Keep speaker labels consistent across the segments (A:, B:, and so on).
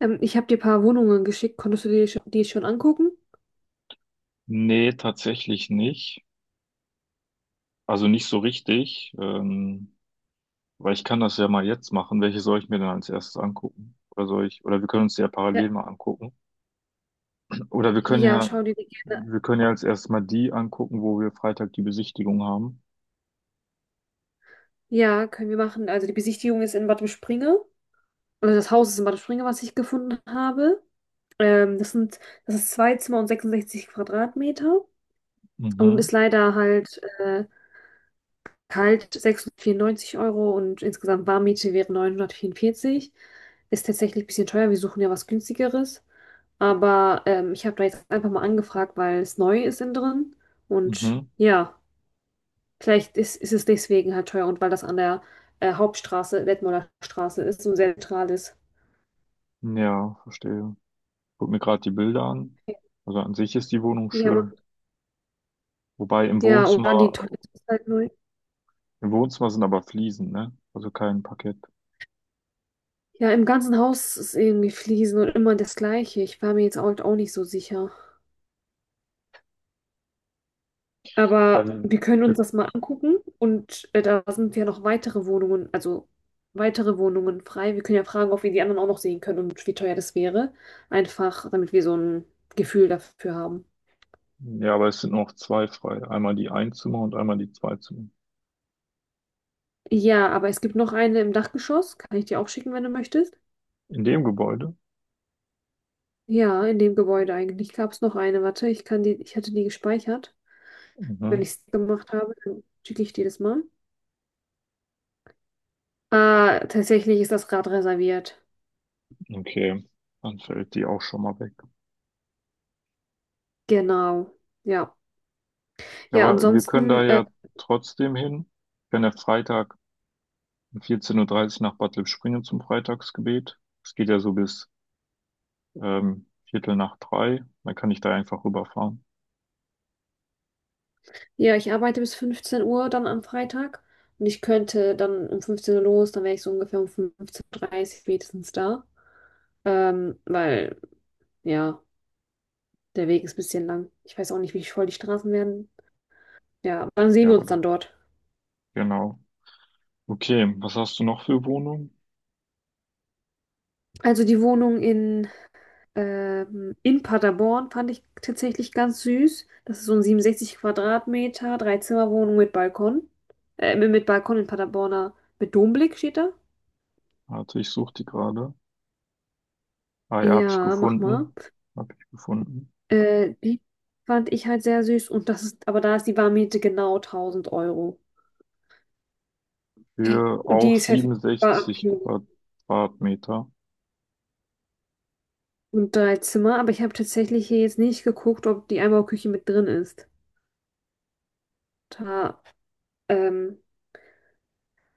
A: Ich habe dir ein paar Wohnungen geschickt. Konntest du dir die schon angucken?
B: Nee, tatsächlich nicht. Also nicht so richtig, weil ich kann das ja mal jetzt machen. Welche soll ich mir denn als erstes angucken? Oder soll ich, oder wir können uns die ja
A: Ja,
B: parallel mal angucken. Oder
A: ja, schau dir die gerne an.
B: wir können ja als erstes mal die angucken, wo wir Freitag die Besichtigung haben.
A: Ja, können wir machen. Also die Besichtigung ist in Bad Springe. Also das Haus ist in Bad Springe, was ich gefunden habe. Ähm, das sind, das ist zwei Zimmer und 66 Quadratmeter und
B: Mhm,
A: ist leider halt kalt 694 € und insgesamt Warmmiete wäre 944. Ist tatsächlich ein bisschen teuer. Wir suchen ja was günstigeres. Aber ich habe da jetzt einfach mal angefragt, weil es neu ist innen drin. Und
B: mhm.
A: ja. Vielleicht ist es deswegen halt teuer und weil das an der Hauptstraße, Detmolder Straße ist und sehr zentral ist.
B: Ja, verstehe. Guck mir gerade die Bilder an. Also an sich ist die Wohnung
A: Ja,
B: schön. Wobei
A: ja, oder die Toilette ist halt neu.
B: Im Wohnzimmer sind aber Fliesen, ne? Also kein Parkett.
A: Ja, im ganzen Haus ist irgendwie Fliesen und immer das Gleiche. Ich war mir jetzt auch nicht so sicher.
B: Ja,
A: Aber
B: wir
A: wir können uns das mal angucken und da sind ja noch weitere Wohnungen, also weitere Wohnungen frei. Wir können ja fragen, ob wir die anderen auch noch sehen können und wie teuer das wäre. Einfach, damit wir so ein Gefühl dafür haben.
B: Ja, aber es sind noch zwei frei. Einmal die Einzimmer und einmal die Zweizimmer.
A: Ja, aber es gibt noch eine im Dachgeschoss. Kann ich dir auch schicken, wenn du möchtest?
B: In dem Gebäude?
A: Ja, in dem Gebäude eigentlich gab es noch eine. Warte, ich kann die, ich hatte die gespeichert. Wenn
B: Mhm.
A: ich es gemacht habe, dann schicke ich dir das mal. Ah, tatsächlich ist das gerade reserviert.
B: Okay, dann fällt die auch schon mal weg.
A: Genau. Ja.
B: Ja,
A: Ja,
B: aber wir können da
A: ansonsten,
B: ja trotzdem hin. Wir können ja Freitag um 14:30 Uhr dreißig nach Bad Lippspringe zum Freitagsgebet. Es geht ja so bis Viertel nach drei. Dann kann ich da einfach rüberfahren.
A: ja, ich arbeite bis 15 Uhr dann am Freitag. Und ich könnte dann um 15 Uhr los, dann wäre ich so ungefähr um 15:30 Uhr dreißig spätestens da. Ähm, weil, ja, der Weg ist ein bisschen lang. Ich weiß auch nicht, wie voll die Straßen werden. Ja, dann sehen
B: Ja,
A: wir
B: aber
A: uns dann
B: da-
A: dort.
B: genau. Okay, was hast du noch für Wohnungen?
A: Also die Wohnung in Paderborn fand ich tatsächlich ganz süß. Das ist so ein 67 Quadratmeter Dreizimmerwohnung mit Balkon. Mit Balkon in Paderborner, mit Domblick steht da.
B: Warte, ich suche die gerade. Ah ja, habe ich
A: Ja, mach mal.
B: gefunden. Habe ich gefunden.
A: Die fand ich halt sehr süß und aber da ist die Warmmiete genau 1000 Euro.
B: Für
A: Und
B: auch
A: die ist verfügbar
B: 67 Quadratmeter.
A: und drei Zimmer, aber ich habe tatsächlich hier jetzt nicht geguckt, ob die Einbauküche mit drin ist. Da, ähm,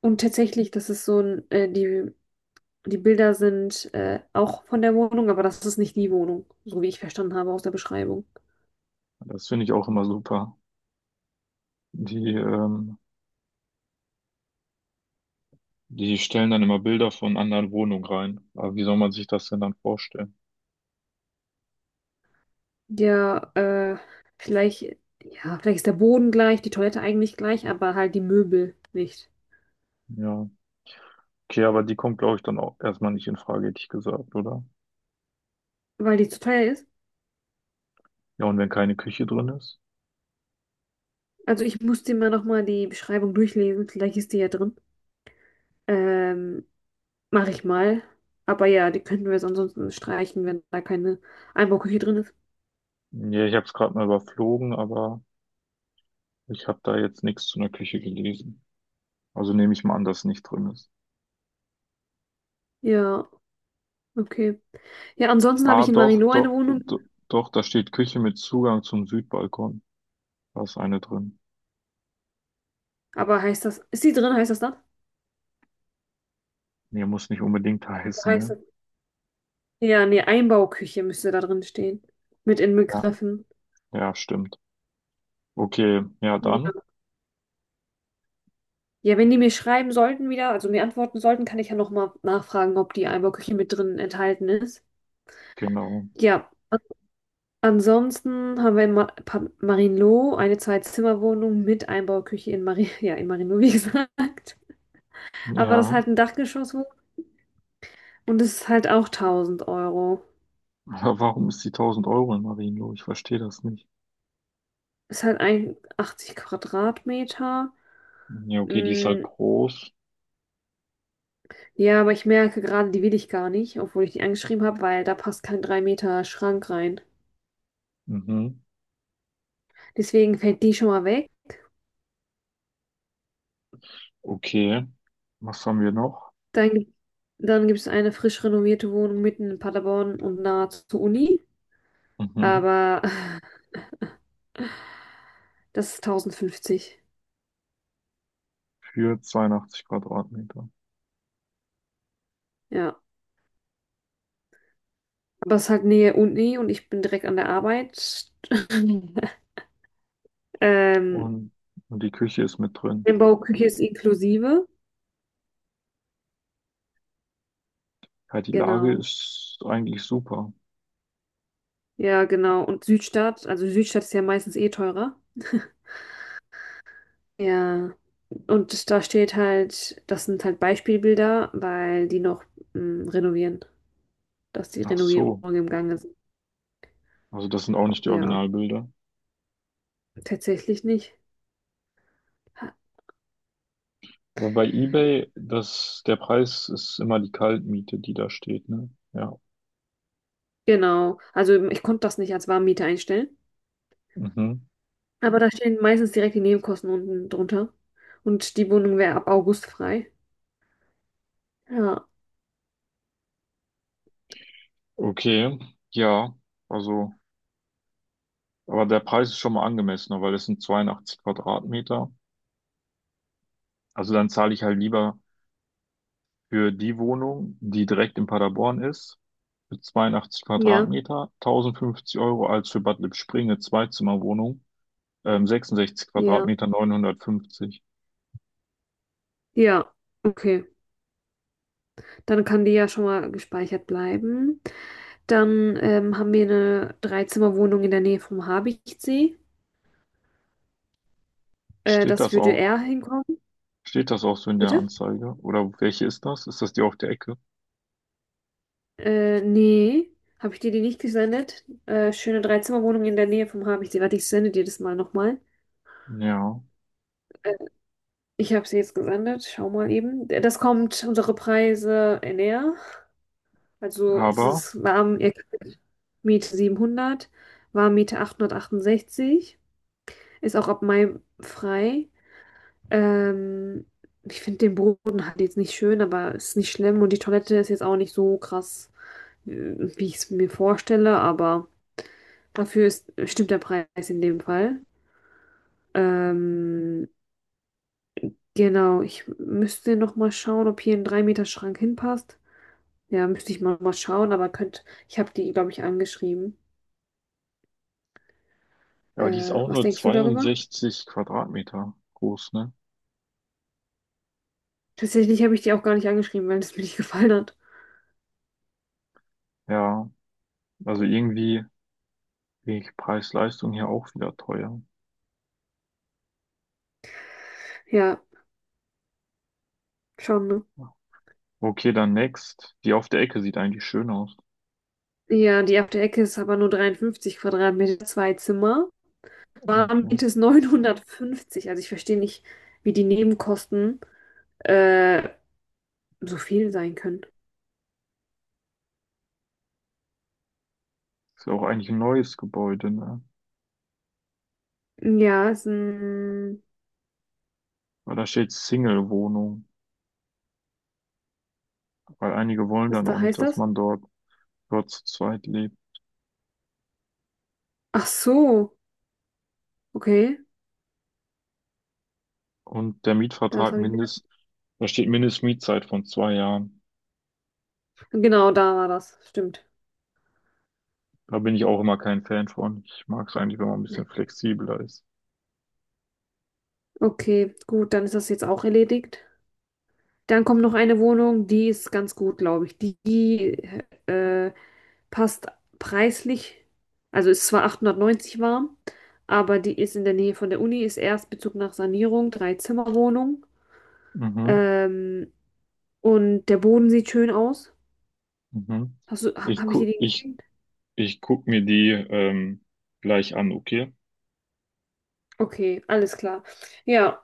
A: Und tatsächlich, das ist die Bilder sind auch von der Wohnung, aber das ist nicht die Wohnung, so wie ich verstanden habe aus der Beschreibung.
B: Das finde ich auch immer super. Die, ähm, die stellen dann immer Bilder von anderen Wohnungen rein. Aber wie soll man sich das denn dann vorstellen?
A: Ja, äh, vielleicht, ja, vielleicht ist der Boden gleich, die Toilette eigentlich gleich, aber halt die Möbel nicht,
B: Ja. Okay, aber die kommt, glaube ich, dann auch erstmal nicht in Frage, hätte ich gesagt, oder?
A: weil die zu teuer ist.
B: Ja, und wenn keine Küche drin ist?
A: Also ich muss dir mal nochmal die Beschreibung durchlesen, vielleicht ist die ja drin. Ähm, Mache ich mal. Aber ja, die könnten wir jetzt ansonsten streichen, wenn da keine Einbauküche drin ist.
B: Ja, ich habe es gerade mal überflogen, aber ich habe da jetzt nichts zu einer Küche gelesen. Also nehme ich mal an, dass nicht drin ist.
A: Ja, okay. Ja, ansonsten habe
B: Ah,
A: ich in
B: doch,
A: Marino eine
B: doch,
A: Wohnung.
B: doch, doch, da steht Küche mit Zugang zum Südbalkon. Da ist eine drin.
A: Aber heißt das, ist die drin, heißt das das?
B: Nee, muss nicht unbedingt heißen,
A: Heißt
B: ne?
A: das? Ja, nee, Einbauküche müsste da drin stehen. Mit
B: Ja,
A: inbegriffen.
B: ja, stimmt. Okay, ja, dann,
A: Ja. Ja, wenn die mir schreiben sollten wieder, also mir antworten sollten, kann ich ja nochmal nachfragen, ob die Einbauküche mit drin enthalten ist.
B: genau.
A: Ja, ansonsten haben wir in Marienloh eine Zwei-Zimmer-Wohnung mit Einbauküche in Mari ja, in Marienloh, wie gesagt. Aber das ist
B: Ja,
A: halt ein Dachgeschosswohnung und das ist halt auch tausend Euro.
B: aber warum ist die 1000 Euro in Marienloh? Ich verstehe das nicht.
A: Ist halt ein 80 Quadratmeter.
B: Ja, okay, die ist halt
A: Mm.
B: groß.
A: Ja, aber ich merke gerade, die will ich gar nicht, obwohl ich die angeschrieben habe, weil da passt kein 3 Meter Schrank rein.
B: Mhm,
A: Deswegen fällt die schon mal weg.
B: okay. Was haben wir noch?
A: Dann, gibt- dann gibt es eine frisch renovierte Wohnung mitten in Paderborn und nahe zur Uni.
B: Mhm,
A: Aber das ist 1.050.
B: für 82 Quadratmeter.
A: Ja. Aber es ist halt Nähe Uni und ich bin direkt an der Arbeit. Ähm,
B: Und, und die Küche ist mit drin.
A: Einbauküche ist inklusive.
B: Ja, die Lage
A: Genau.
B: ist eigentlich super.
A: Ja, genau. Und Südstadt, also Südstadt ist ja meistens eh teurer. Ja, und das, da steht halt, das sind halt Beispielbilder, weil die noch renovieren, dass die
B: Ach so.
A: Renovierungen im Gange sind.
B: Also das sind auch nicht die
A: Ja,
B: Originalbilder.
A: tatsächlich nicht. Ha-
B: Aber bei eBay, das, der Preis ist immer die Kaltmiete, die da steht, ne? Ja,
A: Genau, also ich konnte das nicht als Warmmiete einstellen,
B: Mhm.
A: aber da stehen meistens direkt die Nebenkosten unten drunter und die Wohnung wäre ab August frei. Ja,
B: Okay, ja, also, aber der Preis ist schon mal angemessener, weil es sind 82 Quadratmeter. Also dann zahle ich halt lieber für die Wohnung, die direkt in Paderborn ist, für 82
A: ja,
B: Quadratmeter, 1050 Euro, als für Bad Lippspringe, Zweizimmerwohnung, 66
A: ja,
B: Quadratmeter, 950.
A: ja, okay. Dann kann die ja schon mal gespeichert bleiben. Dann haben wir eine Dreizimmerwohnung in der Nähe vom Habichtsee.
B: Steht
A: Das
B: das
A: würde
B: auch,
A: er hinkommen.
B: steht das auch so in der
A: Bitte?
B: Anzeige? Oder welche ist das? Ist das die auf der Ecke?
A: Nee. Habe ich dir die nicht gesendet? Schöne Dreizimmerwohnung in der Nähe vom Habichtsee. Warte, ich sende dir das mal nochmal.
B: Ja,
A: Äh, Ich habe sie jetzt gesendet. Schau mal eben. Das kommt unsere Preise näher. Also, das
B: aber,
A: ist warm, ihr kriegt Miete 700, Warmmiete 868. Ist auch ab Mai frei. Ähm, Ich finde den Boden halt jetzt nicht schön, aber ist nicht schlimm. Und die Toilette ist jetzt auch nicht so krass wie ich es mir vorstelle, aber stimmt der Preis in dem Fall. Ähm, genau, ich müsste noch mal schauen, ob hier ein 3 Meter Schrank hinpasst. Ja, müsste ich mal schauen, aber ich habe die, glaube ich, angeschrieben.
B: ja, aber die ist auch
A: Was
B: nur
A: denkst du darüber?
B: 62 Quadratmeter groß, ne?
A: Tatsächlich habe ich die auch gar nicht angeschrieben, weil es mir nicht gefallen hat.
B: Ja, also irgendwie ich Preis-Leistung hier auch wieder teuer.
A: Ja, schon, ne?
B: Okay, dann Next. Die auf der Ecke sieht eigentlich schön aus.
A: Ja, die auf der Ecke ist aber nur 53 Quadratmeter, zwei Zimmer.
B: Okay.
A: Warmmiete ist 950. Also ich verstehe nicht, wie die Nebenkosten äh, so viel sein können.
B: Ist ja auch eigentlich ein neues Gebäude, ne?
A: Ja,
B: Weil da steht Single-Wohnung. Weil einige wollen
A: was
B: dann auch
A: da
B: nicht,
A: heißt
B: dass
A: das?
B: man dort, dort zu zweit lebt.
A: Ach so, okay,
B: Und der
A: das
B: Mietvertrag
A: habe ich mir.
B: mindest, da steht Mindestmietzeit von 2 Jahren.
A: Genau, da war das, stimmt.
B: Da bin ich auch immer kein Fan von. Ich mag es eigentlich, wenn man ein bisschen flexibler ist.
A: Okay, gut, dann ist das jetzt auch erledigt. Dann kommt noch eine Wohnung, die ist ganz gut, glaube ich. Die äh, passt preislich, also ist zwar 890 warm, aber die ist in der Nähe von der Uni, ist Erstbezug nach Sanierung, Drei-Zimmer-Wohnung.
B: Mhm,
A: Ähm, und der Boden sieht schön aus.
B: mhm.
A: Hast du, ha-
B: Ich
A: habe ich dir
B: gu
A: den
B: ich,
A: geschenkt?
B: ich guck mir die gleich an, okay?
A: Okay, alles klar. Ja,